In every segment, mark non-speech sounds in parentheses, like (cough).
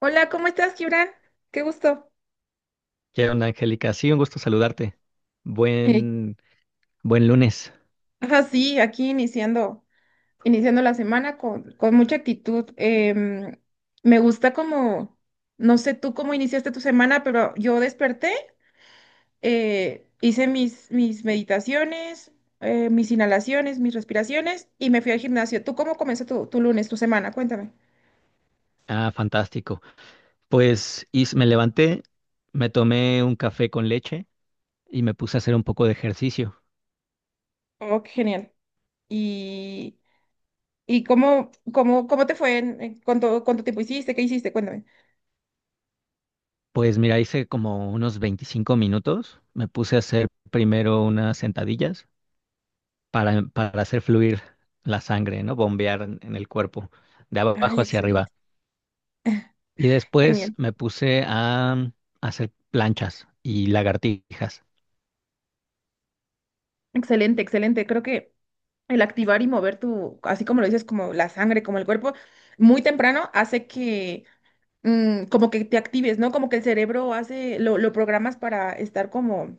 Hola, ¿cómo estás, Gibran? Qué gusto. ¿Qué onda, Angélica? Sí, un gusto saludarte. Eh, Buen, buen lunes. Ajá, sí, aquí iniciando, iniciando la semana con mucha actitud. Me gusta como, no sé tú cómo iniciaste tu semana, pero yo desperté, hice mis meditaciones, mis inhalaciones, mis respiraciones y me fui al gimnasio. ¿Tú cómo comenzó tu, tu lunes, tu semana? Cuéntame. Ah, fantástico. Pues y me levanté, me tomé un café con leche y me puse a hacer un poco de ejercicio. Oh, qué genial. ¿Y, y cómo, cómo, ¿cómo te fue? ¿Cuánto, cuánto tiempo hiciste? ¿Qué hiciste? Cuéntame. Pues mira, hice como unos 25 minutos. Me puse a hacer primero unas sentadillas para hacer fluir la sangre, ¿no? Bombear en el cuerpo, de abajo Ay, hacia excelente. arriba. Y después Genial. me puse a hacer planchas y lagartijas. Excelente, excelente. Creo que el activar y mover tu, así como lo dices, como la sangre, como el cuerpo, muy temprano hace que como que te actives, ¿no? Como que el cerebro hace, lo programas para estar como,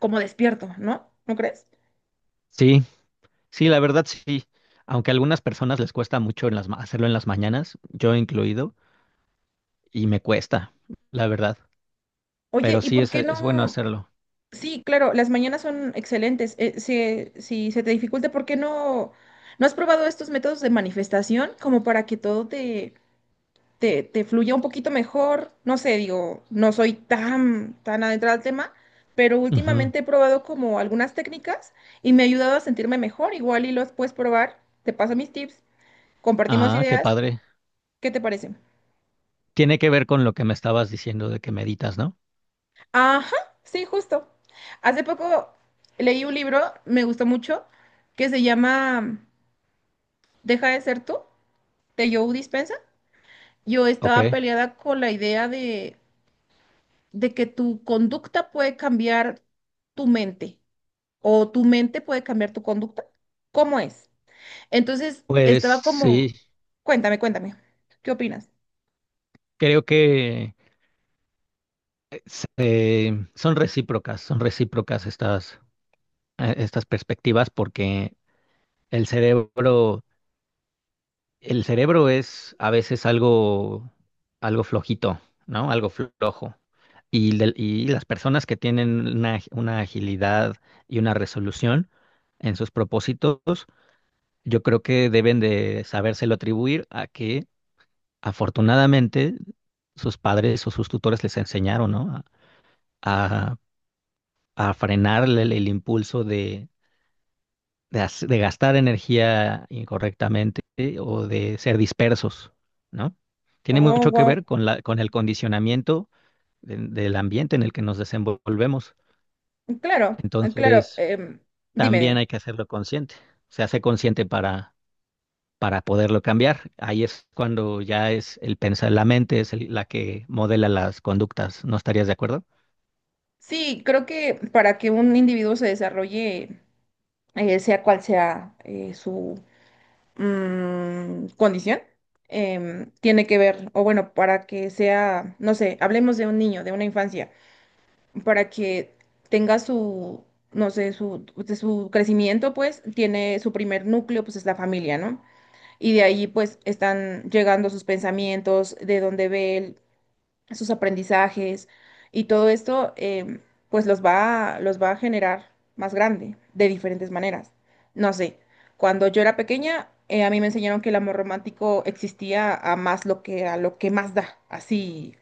como despierto, ¿no? ¿No crees? Sí, Sí, la verdad sí. Aunque a algunas personas les cuesta mucho en las, hacerlo en las mañanas, yo incluido, y me cuesta, la verdad. Oye, Pero ¿y sí por qué es bueno no? hacerlo. Sí, claro, las mañanas son excelentes. Si se te dificulta, ¿por qué no? ¿No has probado estos métodos de manifestación como para que todo te te fluya un poquito mejor? No sé, digo, no soy tan, tan adentrada al tema, pero Ujú. últimamente he probado como algunas técnicas y me ha ayudado a sentirme mejor. Igual y los puedes probar. Te paso mis tips, compartimos Ah, qué ideas. padre. ¿Qué te parecen? Tiene que ver con lo que me estabas diciendo de que meditas, ¿no? Ajá, sí, justo. Hace poco leí un libro, me gustó mucho, que se llama Deja de ser tú, de Joe Dispensa. Yo Ok. estaba peleada con la idea de que tu conducta puede cambiar tu mente, o tu mente puede cambiar tu conducta. ¿Cómo es? Entonces, Pues estaba como, sí, cuéntame, cuéntame, ¿qué opinas? creo que son recíprocas estas, estas perspectivas porque el cerebro El cerebro es a veces algo, algo flojito, ¿no? Algo flojo. Y, y las personas que tienen una agilidad y una resolución en sus propósitos, yo creo que deben de sabérselo atribuir a que afortunadamente sus padres o sus tutores les enseñaron, ¿no? A, a- a frenar el impulso de, de gastar energía incorrectamente o de ser dispersos, ¿no? Tiene Oh, mucho que wow. ver con la, con el condicionamiento del ambiente en el que nos desenvolvemos. Claro, claro. Entonces, dime, también dime. hay que hacerlo consciente. Se hace consciente para poderlo cambiar. Ahí es cuando ya es el pensar, la mente es la que modela las conductas. ¿No estarías de acuerdo? Sí, creo que para que un individuo se desarrolle, sea cual sea su condición, tiene que ver, o bueno, para que sea, no sé, hablemos de un niño, de una infancia, para que tenga su, no sé, su, de su crecimiento, pues tiene su primer núcleo, pues es la familia, ¿no? Y de ahí pues están llegando sus pensamientos, de dónde ve él, sus aprendizajes y todo esto pues los va, los va a generar más grande de diferentes maneras. No sé, cuando yo era pequeña, a mí me enseñaron que el amor romántico existía a más lo que a lo que más da, así.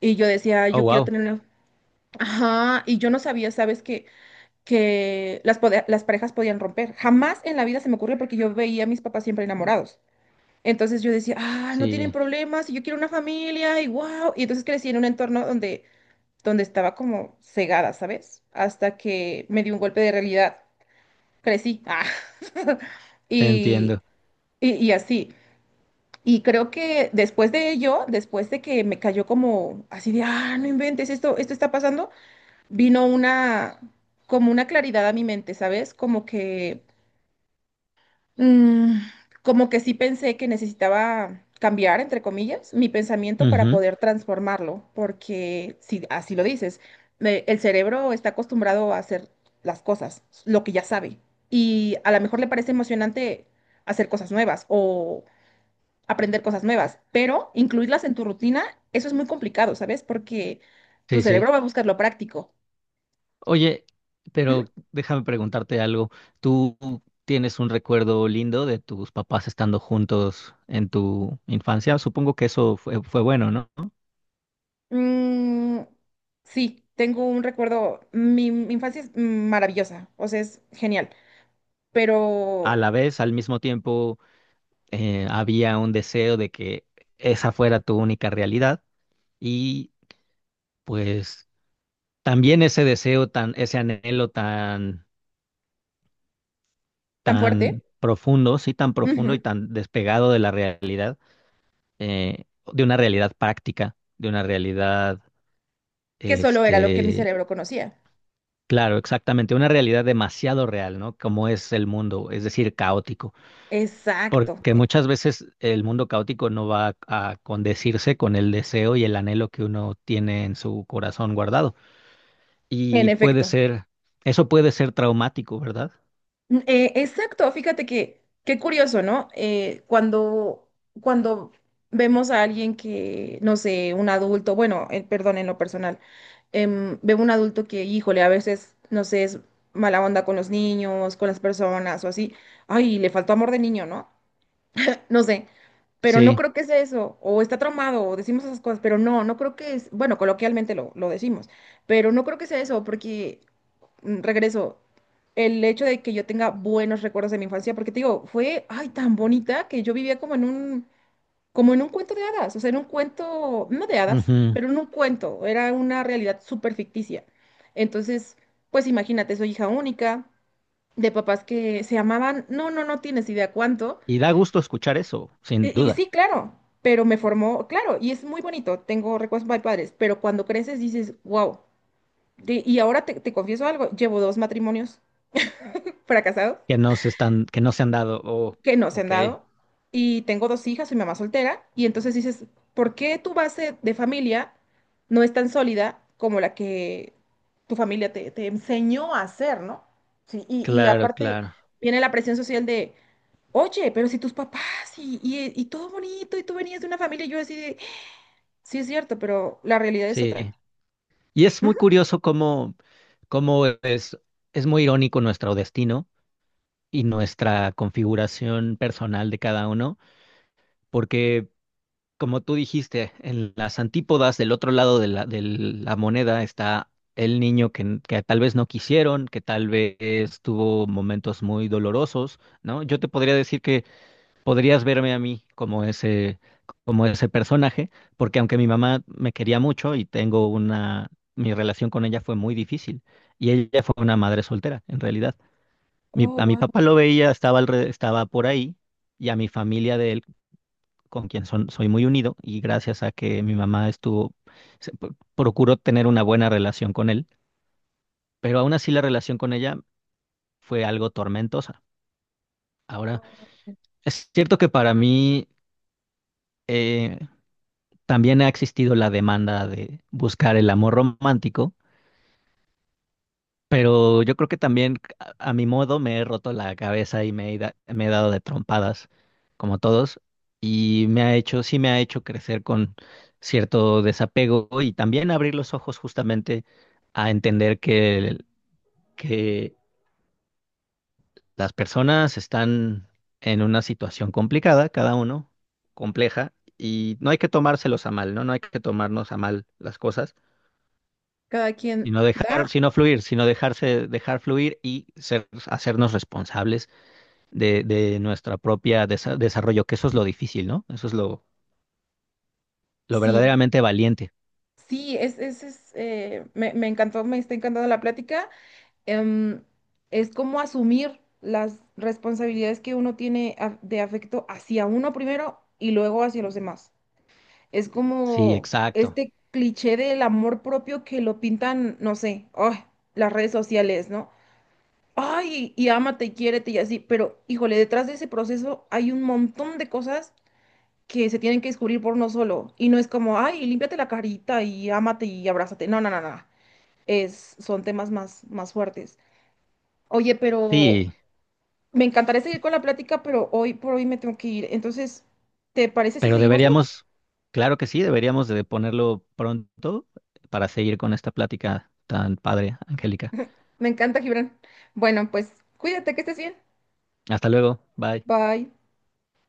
Y yo decía, Oh, yo quiero wow. tener. Ajá, y yo no sabía, ¿sabes? Que las, las parejas podían romper. Jamás en la vida se me ocurrió porque yo veía a mis papás siempre enamorados. Entonces yo decía, ah, no tienen Sí, problemas, y yo quiero una familia, y wow. Y entonces crecí en un entorno donde, donde estaba como cegada, ¿sabes? Hasta que me dio un golpe de realidad. Crecí. Ah. (laughs) te Y, entiendo. Y así. Y creo que después de ello, después de que me cayó como así de, ah, no inventes, esto está pasando, vino una, como una claridad a mi mente, ¿sabes? Como que, mm, como que sí pensé que necesitaba cambiar, entre comillas, mi pensamiento para Ujú, poder transformarlo, porque si así lo dices, el cerebro está acostumbrado a hacer las cosas, lo que ya sabe, y a lo mejor le parece emocionante hacer cosas nuevas o aprender cosas nuevas, pero incluirlas en tu rutina, eso es muy complicado, ¿sabes? Porque tu sí, sí. cerebro va a buscar lo práctico. Oye, pero déjame preguntarte algo. ¿Tú tienes un recuerdo lindo de tus papás estando juntos en tu infancia? Supongo que eso fue, fue bueno, ¿no? Mm, sí, tengo un recuerdo. Mi infancia es maravillosa, o sea, es genial, A pero la vez, al mismo tiempo, había un deseo de que esa fuera tu única realidad y pues también ese deseo tan, ese anhelo tan, tan fuerte, tan profundo, sí, tan ujú, profundo y tan despegado de la realidad, eh, de una realidad práctica, de una realidad que solo era lo que mi Este, cerebro conocía. claro, exactamente, una realidad demasiado real, ¿no? Como es el mundo, es decir, caótico, Exacto, porque muchas veces el mundo caótico no va a condecirse con el deseo y el anhelo que uno tiene en su corazón guardado. en Y puede efecto. ser, eso puede ser traumático, ¿verdad? Exacto, fíjate que qué curioso, ¿no? Cuando, cuando vemos a alguien que, no sé, un adulto, bueno, perdón, en lo personal, veo un adulto que, híjole, a veces, no sé, es mala onda con los niños, con las personas o así, ay, le faltó amor de niño, ¿no? No sé, pero no Sí. creo que sea eso, o está traumado, o decimos esas cosas, pero no, no creo que es, bueno, coloquialmente lo decimos, pero no creo que sea eso, porque regreso, el hecho de que yo tenga buenos recuerdos de mi infancia, porque te digo, fue, ay, tan bonita que yo vivía como en un cuento de hadas, o sea, en un cuento, no de hadas, Ujú. pero en un cuento, era una realidad súper ficticia. Entonces, pues imagínate, soy hija única, de papás que se amaban, no, no, no tienes idea cuánto. Y da gusto escuchar eso, sin Y duda, sí, claro, pero me formó, claro, y es muy bonito, tengo recuerdos muy padres, pero cuando creces dices, wow. Y ahora te confieso algo, llevo dos matrimonios fracasados que no se están, que no se han dado. Oh, que no se han ok, dado. Y tengo dos hijas, soy mamá soltera. Y entonces dices, ¿por qué tu base de familia no es tan sólida como la que tu familia te, te enseñó a hacer, ¿no? Sí, y claro, aparte claro. viene la presión social de, oye, pero si tus papás y todo bonito y tú venías de una familia, y yo así de, sí es cierto, pero la realidad es otra. Sí. Y es muy Ujú. curioso cómo, cómo es muy irónico nuestro destino y nuestra configuración personal de cada uno, porque como tú dijiste, en las antípodas del otro lado de la moneda está el niño que tal vez no quisieron, que tal vez tuvo momentos muy dolorosos, ¿no? Yo te podría decir que podrías verme a mí como ese personaje, porque aunque mi mamá me quería mucho y tengo una, mi relación con ella fue muy difícil y ella fue una madre soltera, en realidad. Oh, A mi wow. papá lo veía, estaba, estaba por ahí y a mi familia de él, con quien son, soy muy unido y gracias a que mi mamá estuvo, procuró tener una buena relación con él, pero aún así la relación con ella fue algo tormentosa. Ahora, es cierto que para mí... eh, también ha existido la demanda de buscar el amor romántico, pero yo creo que también a mi modo me he roto la cabeza y me he, me he dado de trompadas, como todos, y me ha hecho, sí me ha hecho crecer con cierto desapego y también abrir los ojos justamente a entender que, que las personas están en una situación complicada, cada uno, compleja, y no hay que tomárselos a mal, ¿no? No hay que tomarnos a mal las cosas. Cada quien Sino da, dejar, sino fluir, sino dejarse, dejar fluir y ser, hacernos responsables de nuestra propia desarrollo, que eso es lo difícil, ¿no? Eso es lo sí. verdaderamente valiente. Sí, es, me, me encantó, me está encantando la plática. em, es como asumir las responsabilidades que uno tiene de afecto hacia uno primero y luego hacia los demás. Es Sí, como exacto. este cliché del amor propio que lo pintan, no sé, ay, las redes sociales, ¿no? Ay, y ámate y quiérete y así, pero híjole, detrás de ese proceso hay un montón de cosas que se tienen que descubrir por uno solo. Y no es como, ay, límpiate la carita y ámate y abrázate. No, no, no, no. Es, son temas más, más fuertes. Oye, pero Sí, me encantaría seguir con la plática, pero hoy por hoy me tengo que ir. Entonces, ¿te parece si pero seguimos luego? deberíamos, claro que sí, deberíamos de ponerlo pronto para seguir con esta plática tan padre, Angélica. Me encanta, Gibran. Bueno, pues cuídate, que estés bien. Hasta luego, bye. Bye.